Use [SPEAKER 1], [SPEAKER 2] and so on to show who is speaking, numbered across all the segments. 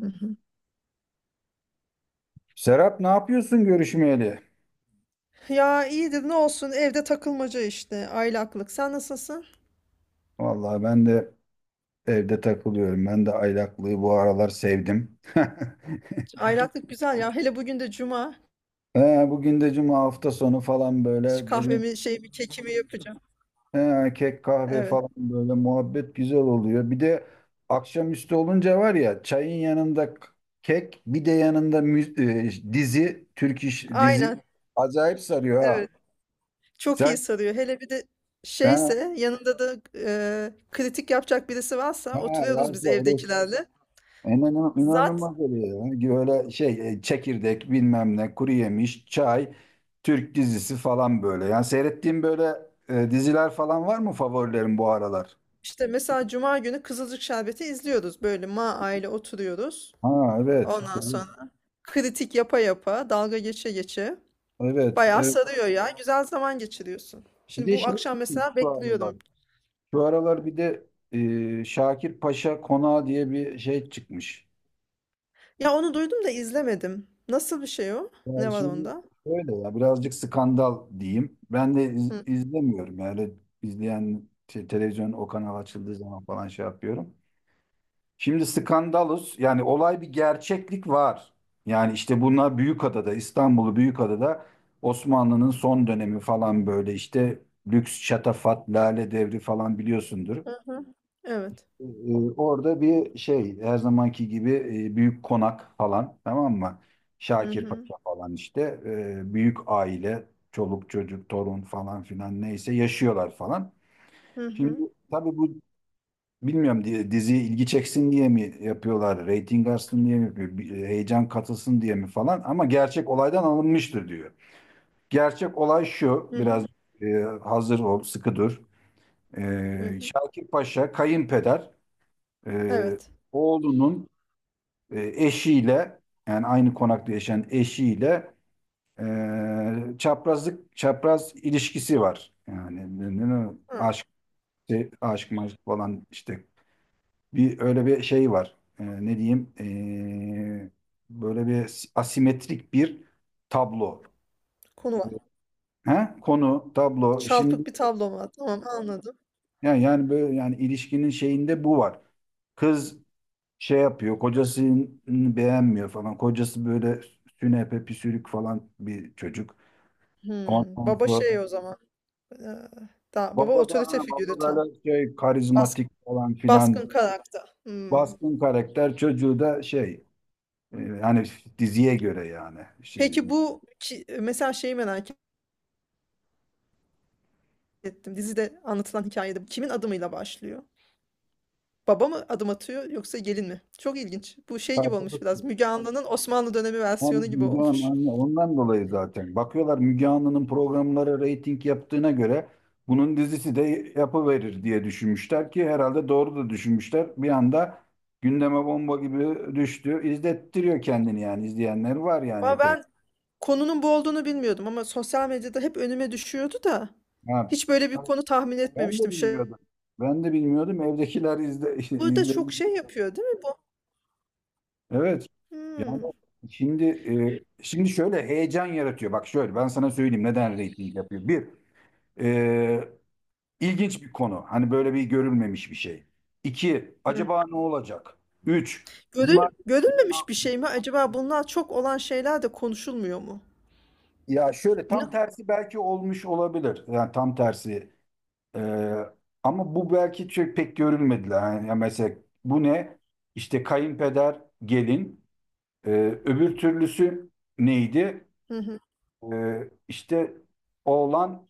[SPEAKER 1] Hı hı.
[SPEAKER 2] Serap, ne yapıyorsun görüşmeyeli?
[SPEAKER 1] Ya iyidir ne olsun evde takılmaca işte aylaklık. Sen nasılsın?
[SPEAKER 2] Vallahi ben de evde takılıyorum. Ben de aylaklığı bu aralar sevdim.
[SPEAKER 1] Aylaklık güzel ya. Hele bugün de cuma.
[SPEAKER 2] He, bugün de cuma, hafta sonu falan
[SPEAKER 1] Şu
[SPEAKER 2] böyle dedim.
[SPEAKER 1] kahvemi şeyimi kekimi yapacağım.
[SPEAKER 2] He, Kek kahve
[SPEAKER 1] Evet.
[SPEAKER 2] falan böyle muhabbet güzel oluyor. Bir de akşamüstü olunca var ya, çayın yanında kek, bir de yanında dizi, Türk iş dizi
[SPEAKER 1] Aynen.
[SPEAKER 2] acayip sarıyor ha.
[SPEAKER 1] Evet. Çok iyi
[SPEAKER 2] Sen,
[SPEAKER 1] sarıyor. Hele bir de
[SPEAKER 2] he,
[SPEAKER 1] şeyse yanında da kritik yapacak birisi varsa
[SPEAKER 2] he,
[SPEAKER 1] oturuyoruz biz
[SPEAKER 2] varsa öyle
[SPEAKER 1] evdekilerle.
[SPEAKER 2] İnan-
[SPEAKER 1] Zat
[SPEAKER 2] İnanılmaz oluyor ya. Hani böyle şey, çekirdek bilmem ne, kuru yemiş, çay, Türk dizisi falan böyle. Yani seyrettiğim böyle diziler falan var mı favorilerin bu aralar?
[SPEAKER 1] işte mesela cuma günü Kızılcık Şerbeti izliyoruz. Böyle aile oturuyoruz.
[SPEAKER 2] Ha, evet.
[SPEAKER 1] Ondan sonra kritik yapa yapa dalga geçe geçe.
[SPEAKER 2] Evet.
[SPEAKER 1] Bayağı
[SPEAKER 2] Evet.
[SPEAKER 1] sarıyor ya. Güzel zaman geçiriyorsun.
[SPEAKER 2] Bir
[SPEAKER 1] Şimdi
[SPEAKER 2] de
[SPEAKER 1] bu
[SPEAKER 2] şey
[SPEAKER 1] akşam
[SPEAKER 2] çıkmış
[SPEAKER 1] mesela
[SPEAKER 2] şu aralar.
[SPEAKER 1] bekliyorum.
[SPEAKER 2] Şu aralar bir de Şakir Paşa Konağı diye bir şey çıkmış.
[SPEAKER 1] Ya onu duydum da izlemedim. Nasıl bir şey o?
[SPEAKER 2] Yani
[SPEAKER 1] Ne var
[SPEAKER 2] şimdi
[SPEAKER 1] onda?
[SPEAKER 2] şöyle, ya birazcık skandal diyeyim. Ben de
[SPEAKER 1] Hı.
[SPEAKER 2] izlemiyorum yani, izleyen şey, televizyon o kanal açıldığı zaman falan şey yapıyorum. Şimdi, skandalus yani olay, bir gerçeklik var. Yani işte bunlar Büyükada'da, İstanbul'u, Büyükada'da Osmanlı'nın son dönemi falan böyle işte, lüks şatafat, lale devri falan, biliyorsundur.
[SPEAKER 1] Hı hı. Evet.
[SPEAKER 2] Ee, Orada bir şey, her zamanki gibi büyük konak falan, tamam mı?
[SPEAKER 1] Hı
[SPEAKER 2] Şakir Paşa
[SPEAKER 1] hı.
[SPEAKER 2] falan işte, büyük aile, çoluk çocuk, torun falan filan neyse, yaşıyorlar falan.
[SPEAKER 1] Hı
[SPEAKER 2] Şimdi
[SPEAKER 1] hı.
[SPEAKER 2] tabii bu, bilmiyorum diye, diziye ilgi çeksin diye mi yapıyorlar, reyting artsın diye mi yapıyor, bir heyecan katılsın diye mi falan, ama gerçek olaydan alınmıştır diyor. Gerçek olay şu,
[SPEAKER 1] Hı
[SPEAKER 2] biraz
[SPEAKER 1] hı.
[SPEAKER 2] hazır ol, sıkı dur.
[SPEAKER 1] Hı hı.
[SPEAKER 2] Şakir Paşa, kayınpeder, e,
[SPEAKER 1] Evet.
[SPEAKER 2] oğlunun eşiyle, yani aynı konakta yaşayan eşiyle çaprazlık, çapraz ilişkisi var. Yani
[SPEAKER 1] Hı.
[SPEAKER 2] aşk, şey, aşk maşk falan işte, bir öyle bir şey var. Ne diyeyim? Böyle bir asimetrik bir tablo.
[SPEAKER 1] Konu var.
[SPEAKER 2] Ha? Konu, tablo. Şimdi
[SPEAKER 1] Çarpık bir tablo var. Tamam, anladım.
[SPEAKER 2] yani, yani böyle ilişkinin şeyinde bu var. Kız şey yapıyor, kocasını beğenmiyor falan. Kocası böyle sünepe püsürük falan bir çocuk.
[SPEAKER 1] Hmm.
[SPEAKER 2] Ondan
[SPEAKER 1] Baba
[SPEAKER 2] sonra
[SPEAKER 1] şey o zaman. Ee, Da, baba
[SPEAKER 2] baba da, ha,
[SPEAKER 1] otorite
[SPEAKER 2] baba
[SPEAKER 1] figürü tam.
[SPEAKER 2] böyle şey, karizmatik
[SPEAKER 1] Baskın,
[SPEAKER 2] falan filan,
[SPEAKER 1] baskın karakter. Hmm.
[SPEAKER 2] baskın karakter, çocuğu da şey, hani, diziye göre yani şey.
[SPEAKER 1] Peki bu mesela şeyi merak ettim. Dizide anlatılan hikayede bu kimin adımıyla başlıyor? Baba mı adım atıyor yoksa gelin mi? Çok ilginç. Bu şey gibi olmuş biraz.
[SPEAKER 2] Tartılırsın.
[SPEAKER 1] Müge Anlı'nın Osmanlı dönemi
[SPEAKER 2] Hem
[SPEAKER 1] versiyonu gibi
[SPEAKER 2] Müge
[SPEAKER 1] olmuş.
[SPEAKER 2] Ondan dolayı zaten. Bakıyorlar, Müge Anlı'nın programları reyting yaptığına göre bunun dizisi de yapıverir diye düşünmüşler ki, herhalde doğru da düşünmüşler. Bir anda gündeme bomba gibi düştü. İzlettiriyor kendini, yani izleyenler var yani,
[SPEAKER 1] Ama
[SPEAKER 2] epey.
[SPEAKER 1] ben konunun bu olduğunu bilmiyordum ama sosyal medyada hep önüme düşüyordu da
[SPEAKER 2] Ha,
[SPEAKER 1] hiç böyle bir konu tahmin
[SPEAKER 2] ben de
[SPEAKER 1] etmemiştim. Şey,
[SPEAKER 2] bilmiyordum. Ben de bilmiyordum. Evdekiler izle,
[SPEAKER 1] burada
[SPEAKER 2] izledi.
[SPEAKER 1] çok şey yapıyor değil mi bu?
[SPEAKER 2] Evet. Yani
[SPEAKER 1] Hmm.
[SPEAKER 2] şimdi şimdi şöyle heyecan yaratıyor. Bak, şöyle ben sana söyleyeyim neden reyting yapıyor. Bir, e, İlginç bir konu. Hani böyle bir görülmemiş bir şey. İki,
[SPEAKER 1] Hmm.
[SPEAKER 2] acaba ne olacak? Üç, bunlar,
[SPEAKER 1] Görülmemiş bir şey mi? Acaba bunlar çok olan şeyler de konuşulmuyor mu?
[SPEAKER 2] ya şöyle, tam
[SPEAKER 1] Ne?
[SPEAKER 2] tersi belki olmuş olabilir. Yani tam tersi. Ee, Ama bu belki çok pek görülmediler. Yani ya mesela, bu ne? İşte kayınpeder, gelin. Ee, Öbür türlüsü neydi?
[SPEAKER 1] Hı hı.
[SPEAKER 2] İşte oğlan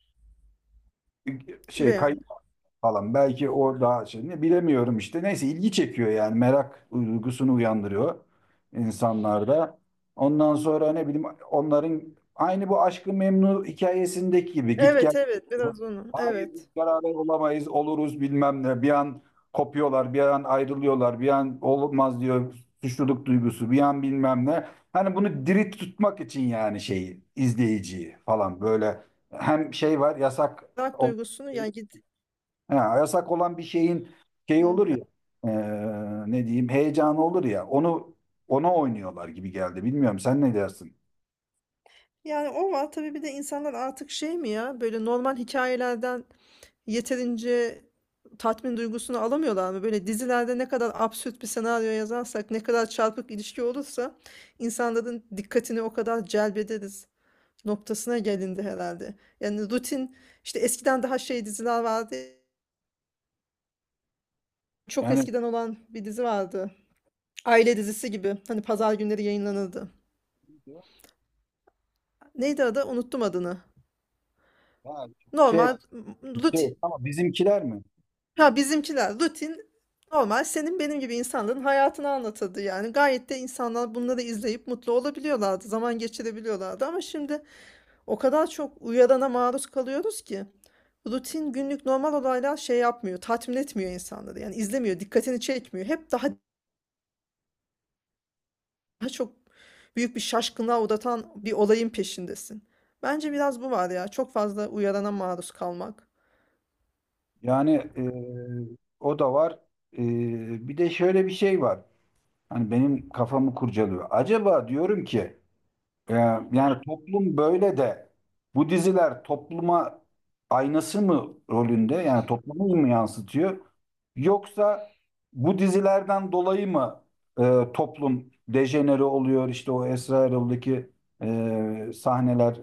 [SPEAKER 2] şey,
[SPEAKER 1] Üvey
[SPEAKER 2] kay
[SPEAKER 1] anne.
[SPEAKER 2] falan. Belki o daha şey, ne bilemiyorum işte. Neyse, ilgi çekiyor yani, merak duygusunu uyandırıyor insanlarda. Ondan sonra ne bileyim, onların aynı bu Aşk-ı Memnu hikayesindeki gibi git
[SPEAKER 1] Evet,
[SPEAKER 2] gel.
[SPEAKER 1] evet, biraz onu.
[SPEAKER 2] Hayır
[SPEAKER 1] Evet.
[SPEAKER 2] biz beraber olamayız, oluruz bilmem ne. Bir an kopuyorlar, bir an ayrılıyorlar, bir an olmaz diyor, suçluluk duygusu bir an, bilmem ne. Hani bunu diri tutmak için yani, şeyi, izleyiciyi falan böyle, hem şey var, yasak
[SPEAKER 1] Merak
[SPEAKER 2] olan
[SPEAKER 1] duygusunu yani.
[SPEAKER 2] Ha, yasak olan bir şeyin şey olur ya, ne diyeyim heyecanı olur ya, onu, ona oynuyorlar gibi geldi. Bilmiyorum, sen ne dersin?
[SPEAKER 1] Yani o var tabii, bir de insanlar artık şey mi ya, böyle normal hikayelerden yeterince tatmin duygusunu alamıyorlar mı? Böyle dizilerde ne kadar absürt bir senaryo yazarsak, ne kadar çarpık ilişki olursa insanların dikkatini o kadar celbederiz noktasına gelindi herhalde. Yani rutin işte, eskiden daha şey diziler vardı. Çok
[SPEAKER 2] Yani,
[SPEAKER 1] eskiden olan bir dizi vardı. Aile dizisi gibi. Hani pazar günleri yayınlanırdı. Neydi adı? Unuttum adını.
[SPEAKER 2] ha,
[SPEAKER 1] Normal,
[SPEAKER 2] şey
[SPEAKER 1] Rutin.
[SPEAKER 2] şey ama bizimkiler mi?
[SPEAKER 1] Ya, bizimkiler rutin, normal, senin benim gibi insanların hayatını anlatırdı yani. Gayet de insanlar bunları izleyip mutlu olabiliyorlardı, zaman geçirebiliyorlardı, ama şimdi o kadar çok uyarana maruz kalıyoruz ki rutin, günlük, normal olaylar şey yapmıyor, tatmin etmiyor insanları. Yani izlemiyor, dikkatini çekmiyor. Hep daha, daha çok büyük bir şaşkınlığa uğratan bir olayın peşindesin. Bence biraz bu var ya, çok fazla uyarana maruz kalmak.
[SPEAKER 2] Yani e, o da var. E, Bir de şöyle bir şey var. Hani benim kafamı kurcalıyor. Acaba diyorum ki, Ee, yani toplum böyle de bu diziler topluma aynası mı rolünde, yani toplumu mu yansıtıyor, yoksa bu dizilerden dolayı mı toplum dejenere oluyor, işte o Esra Erol'daki sahneler,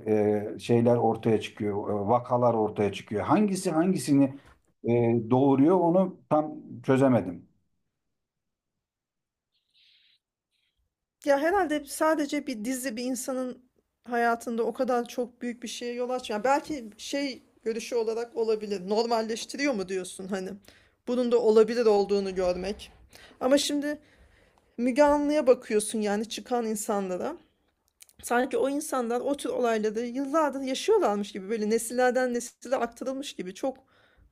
[SPEAKER 2] şeyler ortaya çıkıyor, vakalar ortaya çıkıyor, hangisi hangisini e, doğuruyor, onu tam çözemedim.
[SPEAKER 1] Ya herhalde sadece bir dizi bir insanın hayatında o kadar çok büyük bir şeye yol açmıyor. Belki şey, görüşü olarak olabilir. Normalleştiriyor mu diyorsun hani? Bunun da olabilir olduğunu görmek. Ama şimdi Müge Anlı'ya bakıyorsun, yani çıkan insanlara. Sanki o insanlar o tür olayları yıllardır yaşıyorlarmış gibi, böyle nesillerden nesile aktarılmış gibi çok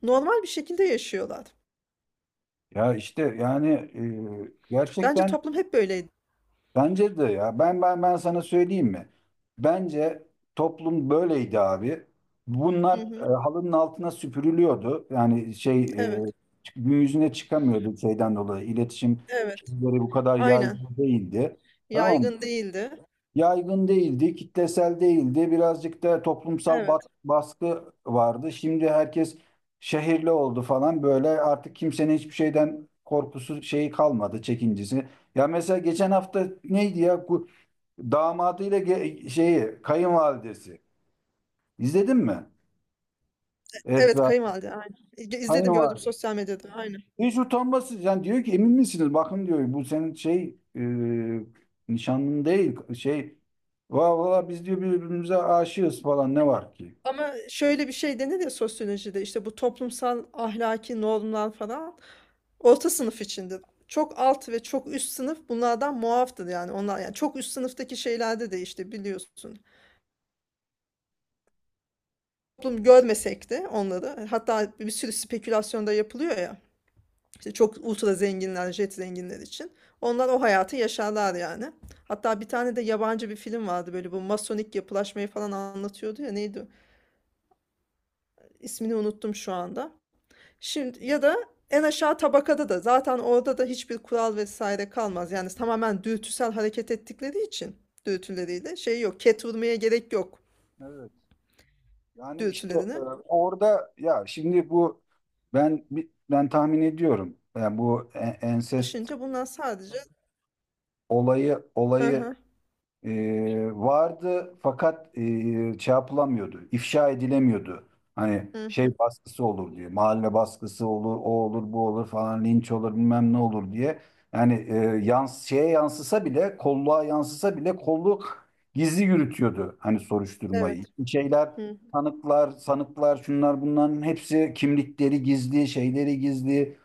[SPEAKER 1] normal bir şekilde yaşıyorlar.
[SPEAKER 2] Ya işte yani
[SPEAKER 1] Bence
[SPEAKER 2] gerçekten.
[SPEAKER 1] toplum hep böyleydi.
[SPEAKER 2] Bence de ya. Ben sana söyleyeyim mi? Bence toplum böyleydi abi. Bunlar
[SPEAKER 1] Hı hı.
[SPEAKER 2] halının altına süpürülüyordu. Yani şey, e,
[SPEAKER 1] Evet,
[SPEAKER 2] gün yüzüne çıkamıyordu şeyden dolayı. İletişim
[SPEAKER 1] evet.
[SPEAKER 2] şeyleri bu kadar
[SPEAKER 1] Aynen.
[SPEAKER 2] yaygın değildi. Tamam mı?
[SPEAKER 1] Yaygın değildi.
[SPEAKER 2] Yaygın değildi, kitlesel değildi. Birazcık da toplumsal
[SPEAKER 1] Evet.
[SPEAKER 2] baskı vardı. Şimdi herkes şehirli oldu falan böyle, artık kimsenin hiçbir şeyden korkusu, şeyi kalmadı, çekincesi. Ya mesela geçen hafta neydi ya? Damadıyla şeyi, kayınvalidesi. İzledin mi?
[SPEAKER 1] Evet,
[SPEAKER 2] Esra,
[SPEAKER 1] kayınvalide, aynen. İzledim, gördüm
[SPEAKER 2] kayınvalide.
[SPEAKER 1] sosyal medyada, aynen.
[SPEAKER 2] Hiç utanmasız, yani diyor ki, emin misiniz? Bakın diyor, bu senin şey nişanlın değil şey, valla valla biz diyor birbirimize aşığız falan, ne var ki?
[SPEAKER 1] Ama şöyle bir şey denir ya sosyolojide, işte bu toplumsal ahlaki normlar falan orta sınıf içindir. Çok alt ve çok üst sınıf bunlardan muaftır, yani onlar. Yani çok üst sınıftaki şeylerde de işte biliyorsun. Toplum görmesek de onları, hatta bir sürü spekülasyon da yapılıyor ya. İşte çok ultra zenginler, jet zenginler için. Onlar o hayatı yaşarlar yani. Hatta bir tane de yabancı bir film vardı, böyle bu masonik yapılaşmayı falan anlatıyordu ya, neydi o? İsmini unuttum şu anda. Şimdi ya da en aşağı tabakada da zaten, orada da hiçbir kural vesaire kalmaz. Yani tamamen dürtüsel hareket ettikleri için dürtüleriyle şey yok. Ket vurmaya gerek yok
[SPEAKER 2] Evet. Yani işte
[SPEAKER 1] dürtülerine.
[SPEAKER 2] orada, ya şimdi bu, ben ben tahmin ediyorum. Yani bu ensest
[SPEAKER 1] Aşınca bunlar sadece
[SPEAKER 2] olayı
[SPEAKER 1] hı
[SPEAKER 2] olayı
[SPEAKER 1] hı,
[SPEAKER 2] vardı, fakat şey yapılamıyordu, ifşa edilemiyordu. Hani
[SPEAKER 1] hı
[SPEAKER 2] şey
[SPEAKER 1] hı,
[SPEAKER 2] baskısı olur diye, mahalle baskısı olur, o olur, bu olur falan, linç olur, bilmem ne olur diye. Yani e, yans şeye yansısa bile, kolluğa yansısa bile kolluk gizli yürütüyordu hani soruşturmayı.
[SPEAKER 1] evet.
[SPEAKER 2] İşte şeyler,
[SPEAKER 1] Hı.
[SPEAKER 2] tanıklar, sanıklar, şunlar bunların hepsi kimlikleri gizli, şeyleri gizli.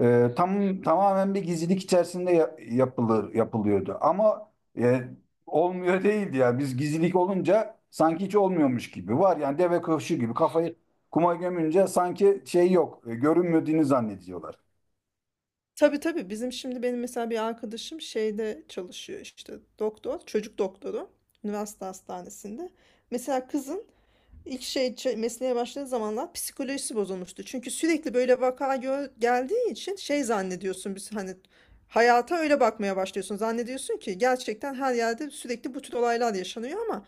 [SPEAKER 2] Tamamen bir gizlilik içerisinde ya- yapılır yapılıyordu. Ama e, olmuyor değildi ya. Biz, gizlilik olunca sanki hiç olmuyormuş gibi. Var yani, deve kuşu gibi kafayı kuma gömünce sanki şey yok. Görünmediğini zannediyorlar.
[SPEAKER 1] Tabii, tabii, bizim şimdi benim mesela bir arkadaşım şeyde çalışıyor, işte doktor, çocuk doktoru üniversite hastanesinde. Mesela kızın İlk şey, mesleğe başladığı zamanlar psikolojisi bozulmuştu. Çünkü sürekli böyle vaka geldiği için şey zannediyorsun, biz hani hayata öyle bakmaya başlıyorsun. Zannediyorsun ki gerçekten her yerde sürekli bu tür olaylar yaşanıyor, ama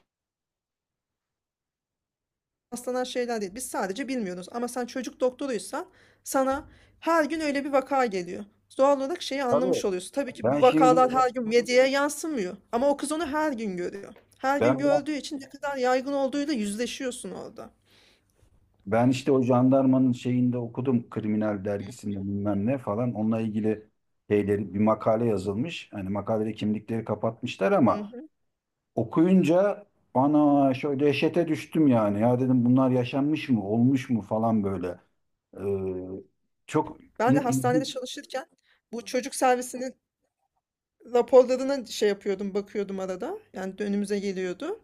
[SPEAKER 1] rastlanan şeyler değil. Biz sadece bilmiyoruz. Ama sen çocuk doktoruysan sana her gün öyle bir vaka geliyor. Doğal olarak şeyi
[SPEAKER 2] Tabii,
[SPEAKER 1] anlamış oluyorsun. Tabii ki
[SPEAKER 2] ben
[SPEAKER 1] bu
[SPEAKER 2] şimdi
[SPEAKER 1] vakalar her gün medyaya yansımıyor. Ama o kız onu her gün görüyor. Her
[SPEAKER 2] ben
[SPEAKER 1] gün gördüğü için ne kadar yaygın olduğuyla yüzleşiyorsun orada.
[SPEAKER 2] ben işte o jandarmanın şeyinde okudum, kriminal dergisinde bilmem ne falan, onunla ilgili şeyleri bir makale yazılmış. Hani makalede kimlikleri kapatmışlar, ama okuyunca ana, şöyle dehşete düştüm yani. Ya dedim, bunlar yaşanmış mı, olmuş mu falan böyle. Ee, Çok
[SPEAKER 1] Ben de
[SPEAKER 2] in-
[SPEAKER 1] hastanede
[SPEAKER 2] in-
[SPEAKER 1] çalışırken bu çocuk servisinin raporlarına şey yapıyordum, bakıyordum arada. Yani önümüze geliyordu.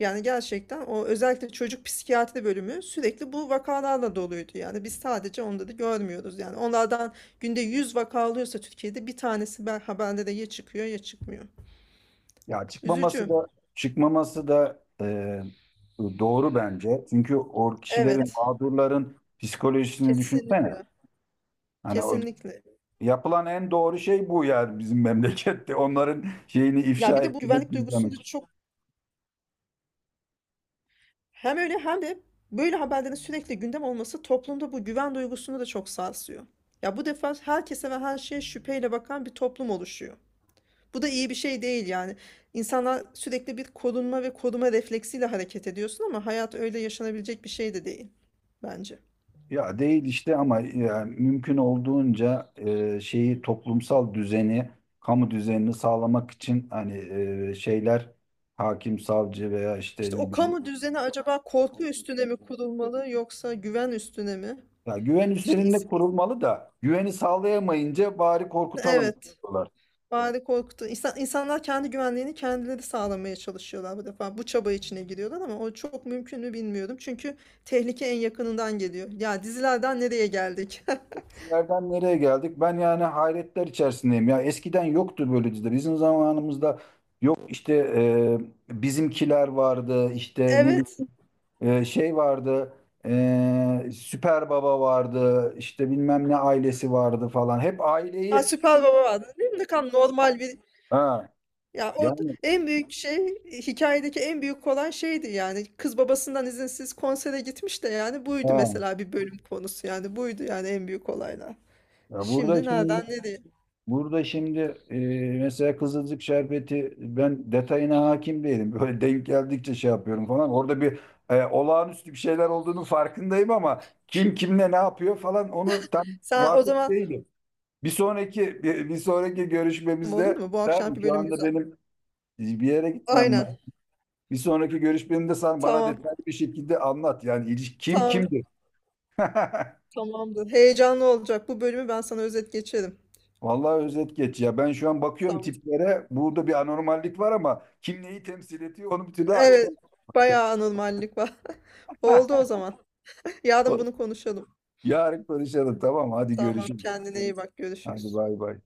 [SPEAKER 1] Yani gerçekten o, özellikle çocuk psikiyatri bölümü sürekli bu vakalarla doluydu. Yani biz sadece onları görmüyoruz. Yani onlardan günde 100 vaka alıyorsa Türkiye'de, bir tanesi ben haberlere ya çıkıyor ya çıkmıyor.
[SPEAKER 2] ya, çıkmaması
[SPEAKER 1] Üzücü.
[SPEAKER 2] da, çıkmaması da e, doğru bence. Çünkü o kişilerin,
[SPEAKER 1] Evet,
[SPEAKER 2] mağdurların psikolojisini düşünsene.
[SPEAKER 1] kesinlikle.
[SPEAKER 2] Hani o,
[SPEAKER 1] Kesinlikle.
[SPEAKER 2] yapılan en doğru şey bu yani, bizim memlekette. Onların şeyini
[SPEAKER 1] Ya
[SPEAKER 2] ifşa
[SPEAKER 1] bir de bu güvenlik
[SPEAKER 2] etmek,
[SPEAKER 1] duygusunu da
[SPEAKER 2] izlemek.
[SPEAKER 1] çok... Hem öyle hem de böyle haberlerin sürekli gündem olması toplumda bu güven duygusunu da çok sarsıyor. Ya bu defa herkese ve her şeye şüpheyle bakan bir toplum oluşuyor. Bu da iyi bir şey değil yani. İnsanlar sürekli bir korunma ve koruma refleksiyle hareket ediyorsun, ama hayat öyle yaşanabilecek bir şey de değil bence.
[SPEAKER 2] Ya değil işte, ama yani mümkün olduğunca şeyi, toplumsal düzeni, kamu düzenini sağlamak için hani şeyler, hakim, savcı veya işte
[SPEAKER 1] İşte
[SPEAKER 2] ne
[SPEAKER 1] o
[SPEAKER 2] bileyim,
[SPEAKER 1] kamu düzeni acaba korku üstüne mi kurulmalı yoksa güven üstüne mi?
[SPEAKER 2] ya güven
[SPEAKER 1] İşte
[SPEAKER 2] üzerinde kurulmalı da, güveni sağlayamayınca bari korkutalım
[SPEAKER 1] evet.
[SPEAKER 2] diyorlar.
[SPEAKER 1] Bari korktu. İnsan, insanlar kendi güvenliğini kendileri sağlamaya çalışıyorlar bu defa. Bu çaba içine giriyorlar ama o çok mümkün mü bilmiyorum. Çünkü tehlike en yakınından geliyor. Ya dizilerden nereye geldik?
[SPEAKER 2] Dizilerden nereye geldik? Ben yani hayretler içerisindeyim. Ya eskiden yoktu böyle diziler. Bizim zamanımızda yok işte, bizimkiler vardı, işte ne
[SPEAKER 1] Evet.
[SPEAKER 2] bileyim şey vardı, Süper Baba vardı, işte bilmem ne ailesi vardı falan. Hep
[SPEAKER 1] Ha,
[SPEAKER 2] aileyi,
[SPEAKER 1] Süper Baba vardı değil mi? Ne kadar normal bir...
[SPEAKER 2] ha,
[SPEAKER 1] Ya o
[SPEAKER 2] yani
[SPEAKER 1] en büyük şey, hikayedeki en büyük olan şeydi yani. Kız babasından izinsiz konsere gitmiş de, yani buydu
[SPEAKER 2] ha.
[SPEAKER 1] mesela bir bölüm konusu yani. Buydu yani en büyük olaylar.
[SPEAKER 2] Ya burada
[SPEAKER 1] Şimdi
[SPEAKER 2] şimdi,
[SPEAKER 1] nereden nereye?
[SPEAKER 2] Burada şimdi e, mesela Kızılcık Şerbeti, ben detayına hakim değilim. Böyle denk geldikçe şey yapıyorum falan. Orada bir olağanüstü bir şeyler olduğunu farkındayım, ama kim kimle ne yapıyor falan, onu tam
[SPEAKER 1] Sen o
[SPEAKER 2] vakıf
[SPEAKER 1] zaman,
[SPEAKER 2] değilim. Bir sonraki görüşmemizde,
[SPEAKER 1] olur mu? Bu
[SPEAKER 2] tamam mı?
[SPEAKER 1] akşamki
[SPEAKER 2] Şu
[SPEAKER 1] bölüm
[SPEAKER 2] anda
[SPEAKER 1] güzel.
[SPEAKER 2] benim bir yere gitmem
[SPEAKER 1] Aynen.
[SPEAKER 2] lazım. Bir sonraki görüşmemde sen bana
[SPEAKER 1] Tamam.
[SPEAKER 2] detaylı bir şekilde anlat. Yani, kim
[SPEAKER 1] Tamam,
[SPEAKER 2] kimdir?
[SPEAKER 1] tamamdır. Heyecanlı olacak. Bu bölümü ben sana özet geçerim.
[SPEAKER 2] Vallahi özet geç ya. Ben şu an bakıyorum
[SPEAKER 1] Tamam.
[SPEAKER 2] tiplere. Burada bir anormallik var, ama kim neyi temsil ediyor onu bir türlü açık.
[SPEAKER 1] Evet, bayağı anormallik var. Oldu o zaman. Yarın bunu konuşalım.
[SPEAKER 2] Yarın konuşalım, tamam. Hadi
[SPEAKER 1] Tamam,
[SPEAKER 2] görüşürüz.
[SPEAKER 1] kendine iyi bak.
[SPEAKER 2] Hadi
[SPEAKER 1] Görüşürüz.
[SPEAKER 2] bay bay.